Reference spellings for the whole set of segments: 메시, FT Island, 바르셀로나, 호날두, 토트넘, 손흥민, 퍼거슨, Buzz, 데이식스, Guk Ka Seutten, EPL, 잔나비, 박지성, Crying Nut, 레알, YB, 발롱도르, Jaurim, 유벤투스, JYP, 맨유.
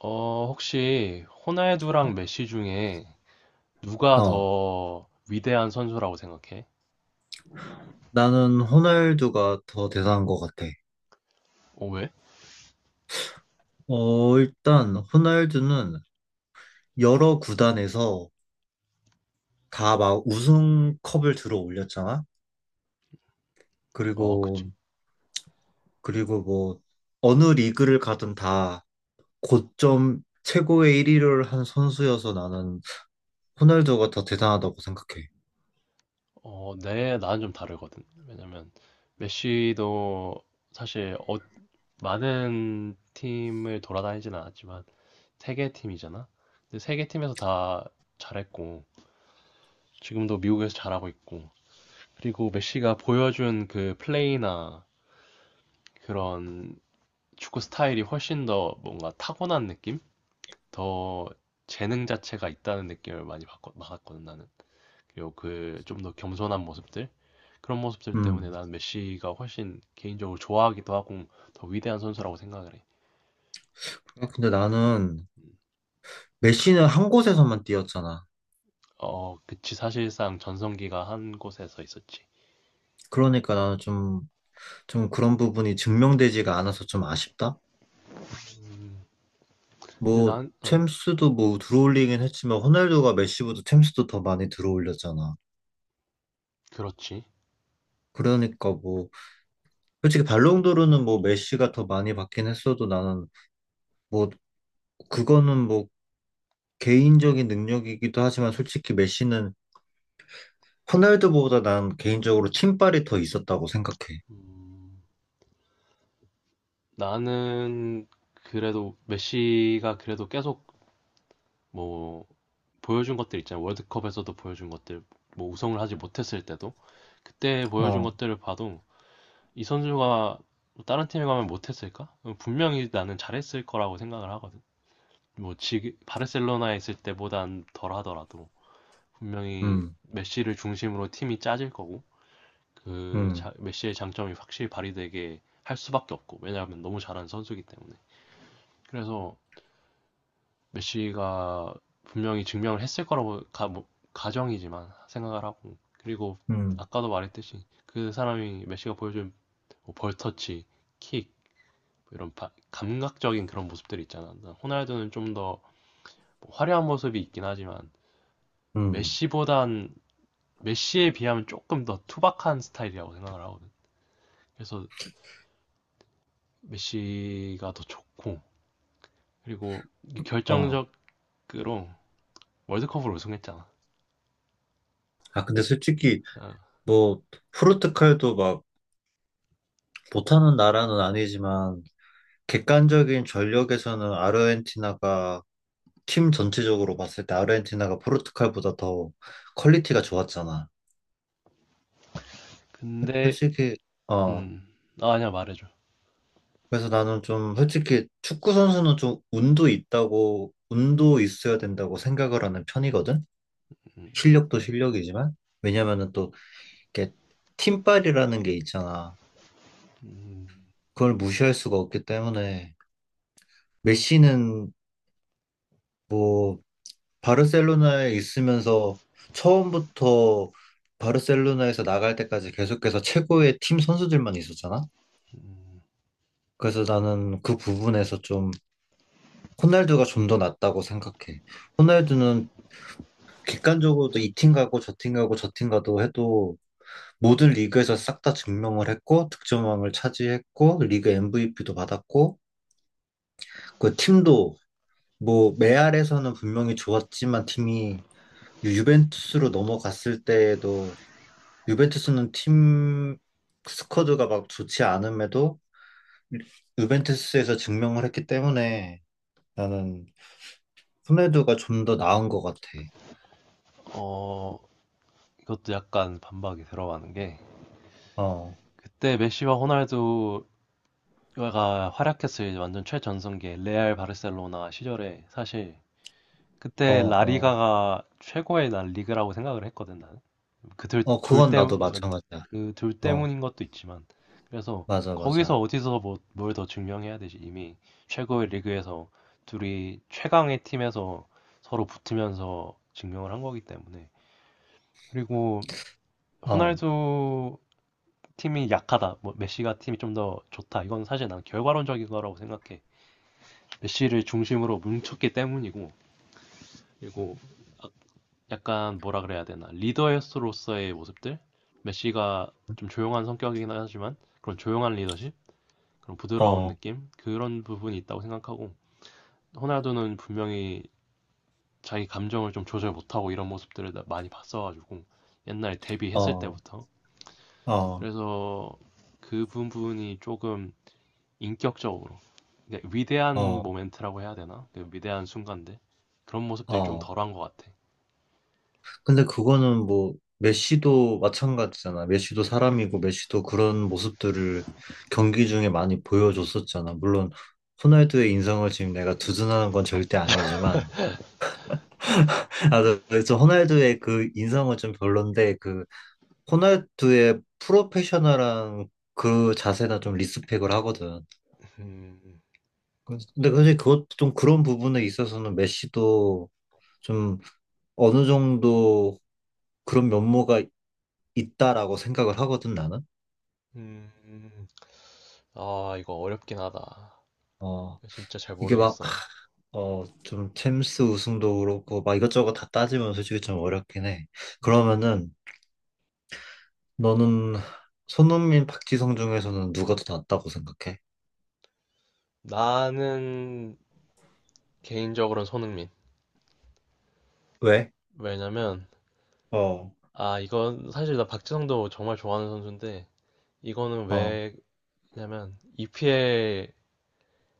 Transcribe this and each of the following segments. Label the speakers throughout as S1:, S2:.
S1: 혹시 호날두랑 메시 중에 누가
S2: 어,
S1: 더 위대한 선수라고 생각해?
S2: 나는 호날두가 더 대단한 것 같아.
S1: 왜?
S2: 일단 호날두는 여러 구단에서 다 막 우승컵을 들어 올렸잖아.
S1: 그치.
S2: 그리고 그리고 뭐 어느 리그를 가든 다 고점 최고의 1위를 한 선수여서 나는 호날두가 더 대단하다고 생각해.
S1: 나는 좀 다르거든. 왜냐면 메시도 사실 많은 팀을 돌아다니진 않았지만 세 개 팀이잖아. 근데 세 개 팀에서 다 잘했고 지금도 미국에서 잘하고 있고. 그리고 메시가 보여준 그 플레이나 그런 축구 스타일이 훨씬 더 뭔가 타고난 느낌? 더 재능 자체가 있다는 느낌을 많이 받 받았거든, 나는. 그리고 그 좀 더 겸손한 모습들? 그런 모습들 때문에
S2: 음.
S1: 나는 메시가 훨씬 개인적으로 좋아하기도 하고 더 위대한 선수라고 생각을 해.
S2: 근데 나는 메시는 한 곳에서만 뛰었잖아.
S1: 어, 그치. 사실상 전성기가 한 곳에서 있었지.
S2: 그러니까 나는 좀, 좀 그런 부분이 증명되지가 않아서 좀 아쉽다.
S1: 근데
S2: 뭐
S1: 난
S2: 챔스도 뭐 들어올리긴 했지만 호날두가 메시보다 챔스도 더 많이 들어올렸잖아.
S1: 그렇지.
S2: 그러니까 뭐 솔직히 발롱도르는 뭐 메시가 더 많이 받긴 했어도 나는 뭐 그거는 뭐 개인적인 능력이기도 하지만 솔직히 메시는 호날두보다 난 개인적으로 팀빨이 더 있었다고 생각해.
S1: 나는 그래도 메시가 그래도 계속 뭐 보여준 것들 있잖아. 월드컵에서도 보여준 것들, 뭐 우승을 하지 못했을 때도 그때 보여준
S2: 어,
S1: 것들을 봐도 이 선수가 뭐 다른 팀에 가면 못했을까? 분명히 나는 잘했을 거라고 생각을 하거든. 뭐 지금 바르셀로나에 있을 때보단 덜 하더라도 분명히
S2: 음,
S1: 메시를 중심으로 팀이 짜질 거고
S2: 음,
S1: 메시의 장점이 확실히 발휘되게 할 수밖에 없고. 왜냐하면 너무 잘하는 선수이기 때문에 그래서 메시가 분명히 증명을 했을 거라고 가정이지만 생각을 하고. 그리고
S2: 음,
S1: 아까도 말했듯이 그 사람이 메시가 보여준 뭐 벌터치, 킥, 이런 감각적인 그런 모습들이 있잖아. 호날두는 좀 더 뭐 화려한 모습이 있긴 하지만
S2: 음,
S1: 메시보단, 메시에 비하면 조금 더 투박한 스타일이라고 생각을 하거든. 그래서 메시가 더 좋고 그리고
S2: 어.
S1: 결정적으로 월드컵을 우승했잖아.
S2: 아 근데 솔직히
S1: 어,
S2: 뭐 포르투갈도 막 못하는 나라는 아니지만 객관적인 전력에서는 아르헨티나가 팀 전체적으로 봤을 때 아르헨티나가 포르투갈보다 더 퀄리티가 좋았잖아.
S1: 근데
S2: 솔직히 어
S1: 음, 아, 아니야 말해줘.
S2: 그래서 나는 좀 솔직히 축구 선수는 좀 운도 있다고 운도 있어야 된다고 생각을 하는 편이거든.
S1: 음,
S2: 실력도 실력이지만 왜냐면은 또 이게 팀빨이라는 게 있잖아.
S1: 음,
S2: 그걸 무시할 수가 없기 때문에 메시는 뭐 바르셀로나에 있으면서 처음부터 바르셀로나에서 나갈 때까지 계속해서 최고의 팀 선수들만 있었잖아.
S1: 음.
S2: 그래서 나는 그 부분에서 좀 호날두가 좀 더 낫다고 생각해. 호날두는 객관적으로도 이 팀 가고 저 팀 가고 저 팀 가도 해도 모든 리그에서 싹 다 증명을 했고 득점왕을 차지했고 리그 MVP도 받았고 그 팀도 뭐 메알에서는 분명히 좋았지만 팀이 유벤투스로 넘어갔을 때에도 유벤투스는 팀 스쿼드가 막 좋지 않음에도 유벤투스에서 증명을 했기 때문에 나는 후네두가 좀 더 나은 것 같아.
S1: 어, 이것도 약간 반박이 들어가는 게
S2: 어,
S1: 그때 메시와 호날두 가 활약했을 완전 최전성기 레알 바르셀로나 시절에 사실
S2: 어,
S1: 그때
S2: 어,
S1: 라리가가 최고의 난 리그라고 생각을 했거든, 나는.
S2: 어,
S1: 그둘둘
S2: 그건 나도
S1: 때문
S2: 마찬가지야.
S1: 그둘
S2: 어,
S1: 때문인 것도 있지만 그래서
S2: 맞아, 맞아.
S1: 거기서 어디서 뭘 더 증명해야 되지. 이미 최고의 리그에서 둘이 최강의 팀에서 서로 붙으면서 증명을 한 거기 때문에. 그리고
S2: 어,
S1: 호날두 팀이 약하다, 뭐 메시가 팀이 좀 더 좋다 이건 사실 난 결과론적인 거라고 생각해. 메시를 중심으로 뭉쳤기 때문이고. 그리고 아- 약간 뭐라 그래야 되나, 리더로서의 모습들, 메시가 좀 조용한 성격이긴 하지만 그런 조용한 리더십, 그런 부드러운
S2: 어,
S1: 느낌, 그런 부분이 있다고 생각하고. 호날두는 분명히 자기 감정을 좀 조절 못하고 이런 모습들을 많이 봤어가지고, 옛날에 데뷔했을
S2: 어,
S1: 때부터.
S2: 어,
S1: 그래서 그 부분이 조금 인격적으로. 근데 위대한
S2: 어,
S1: 모멘트라고 해야 되나? 그 위대한 순간데 그런 모습들이 좀
S2: 어.
S1: 덜한 것 같아.
S2: 근데 그거는 뭐 메시도 마찬가지잖아. 메시도 사람이고 메시도 그런 모습들을 경기 중에 많이 보여줬었잖아. 물론 호날두의 인성을 지금 내가 두둔하는 건 절대 아니지만 아, 나 그래서 호날두의 그 인성은 좀 별론데 그 호날두의 프로페셔널한 그 자세나 좀 리스펙을 하거든. 근데 사실 그것 좀 그런 부분에 있어서는 메시도 좀 어느 정도 그런 면모가 있다라고 생각을 하거든 나는.
S1: 음, 아, 이거 어렵긴 하다.
S2: 어.
S1: 진짜 잘
S2: 이게 막,
S1: 모르겠어.
S2: 어, 좀 챔스 우승도 그렇고, 막 이것저것 다 따지면 솔직히 좀
S1: 음.
S2: 어렵긴 해. 그러면은, 너는 손흥민, 박지성 중에서는 누가 더 낫다고 생각해?
S1: 나는 개인적으로는 손흥민.
S2: 왜?
S1: 왜냐면,
S2: 어,
S1: 아, 이건 사실 나 박지성도 정말 좋아하는 선수인데, 이거는
S2: 어,
S1: 왜냐면, EPL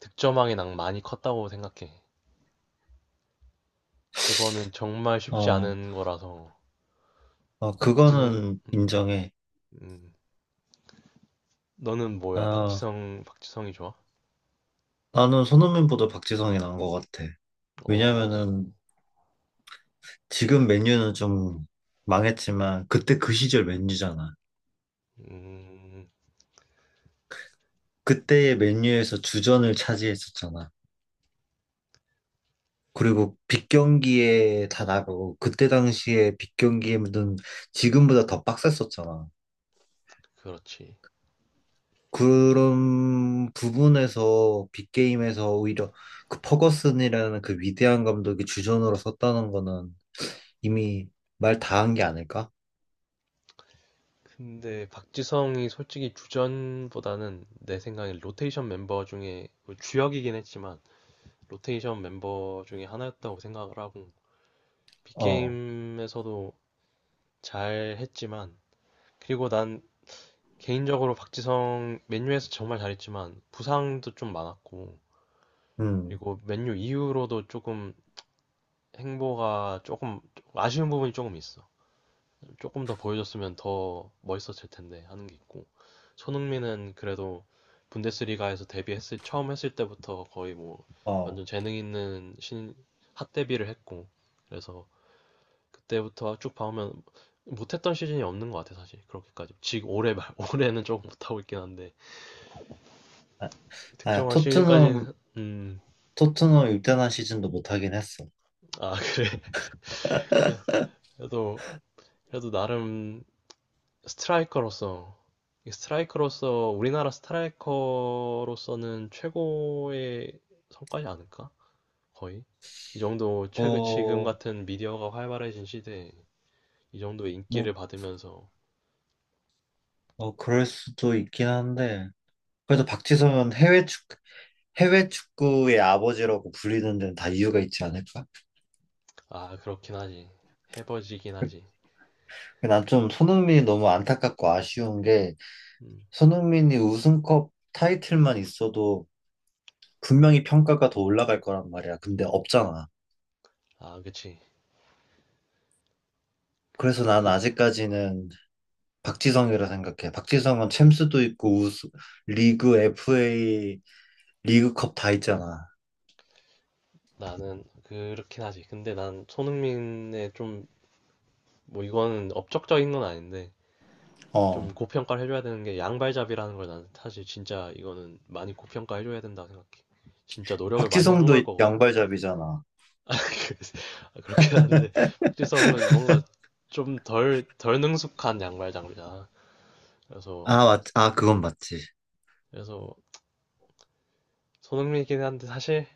S1: 득점왕의 낭 많이 컸다고 생각해. 그거는 정말 쉽지
S2: 어,
S1: 않은 거라서,
S2: 어,
S1: 박지성,
S2: 그거는
S1: 음,
S2: 인정해.
S1: 음, 너는 뭐야?
S2: 아,
S1: 박지성이 좋아?
S2: 나는 손흥민보다 박지성이 나은 것 같아.
S1: 어,
S2: 왜냐면은, 지금 맨유는 좀 망했지만, 그때 그 시절 맨유잖아.
S1: 음,
S2: 그때의 맨유에서 주전을 차지했었잖아. 그리고 빅 경기에 다 나가고 그때 당시에 빅 경기에는 지금보다 더 빡셌었잖아.
S1: 그렇지.
S2: 그런 부분에서 빅게임에서 오히려 그 퍼거슨이라는 그 위대한 감독이 주전으로 섰다는 거는 이미 말 다 한 게 아닐까?
S1: 근데 박지성이 솔직히 주전보다는 내 생각에 로테이션 멤버 중에 뭐 주역이긴 했지만 로테이션 멤버 중에 하나였다고 생각을 하고.
S2: 어,
S1: 빅게임에서도 잘 했지만 그리고 난 개인적으로 박지성 맨유에서 정말 잘했지만 부상도 좀 많았고
S2: 음,
S1: 그리고 맨유 이후로도 조금 행보가 조금 아쉬운 부분이 조금 있어. 조금 더 보여줬으면 더 멋있었을 텐데 하는 게 있고. 손흥민은 그래도 분데스리가에서 데뷔했을 처음 했을 때부터 거의 뭐
S2: 어.
S1: 완전 재능 있는 신 핫 데뷔를 했고. 그래서 그때부터 쭉 봐오면 못했던 시즌이 없는 것 같아. 사실 그렇게까지 지금 올해 말 올해는 조금 못하고 있긴 한데
S2: 아, 아,
S1: 특정한
S2: 토트넘,
S1: 시즌까지는 음아.
S2: 토트넘 일단한 시즌도 못하긴 했어.
S1: 그래, 그래, 그래도, 그래도 나름 스트라이커로서, 이 스트라이커로서, 우리나라 스트라이커로서는 최고의 성과지 않을까? 거의 이 정도, 최근 지금
S2: 뭐,
S1: 같은 미디어가 활발해진 시대에 이 정도의
S2: 뭐,
S1: 인기를 받으면서.
S2: 어, 그럴 수도 있긴 한데, 그래도 박지성은 해외 축구의 아버지라고 불리는 데는 다 이유가 있지 않을까?
S1: 아, 그렇긴 하지. 해버지긴 하지.
S2: 난 좀 손흥민이 너무 안타깝고 아쉬운 게
S1: 음.
S2: 손흥민이 우승컵 타이틀만 있어도 분명히 평가가 더 올라갈 거란 말이야. 근데 없잖아.
S1: 아, 그치.
S2: 그래서 난
S1: 그
S2: 아직까지는 박지성이라 생각해. 박지성은 챔스도 있고 우스, 리그 FA 리그컵 다 있잖아.
S1: 나는 그렇긴 하지. 근데 난 손흥민의 좀 뭐 이거는 업적적인 건 아닌데 좀
S2: 어.
S1: 고평가를 해줘야 되는 게 양발잡이라는 걸, 난 사실 진짜 이거는 많이 고평가해줘야 된다고 생각해. 진짜 노력을 많이 한
S2: 박지성도
S1: 걸 거거든.
S2: 양발잡이잖아.
S1: 아, 그래서 아, 그렇긴 한데 박지성은 뭔가 좀 덜 능숙한 양발잡이잖아. 그래서
S2: 아, 맞, 아, 그건 맞지.
S1: 그래서 손흥민이긴 한데 사실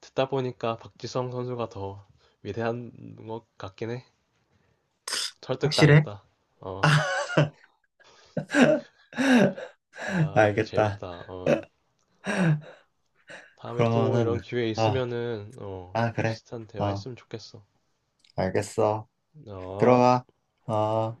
S1: 듣다 보니까 박지성 선수가 더 위대한 것 같긴 해.
S2: 확실해?
S1: 설득당했다. 어, 아, 이거
S2: 알겠다.
S1: 재밌다. 어, 다음에 또
S2: 그러면은
S1: 이런 기회
S2: 아
S1: 있으면은 어,
S2: 아, 그래.
S1: 비슷한 대화
S2: 어,
S1: 했으면 좋겠어.
S2: 알겠어.
S1: 어.
S2: 들어가. 어.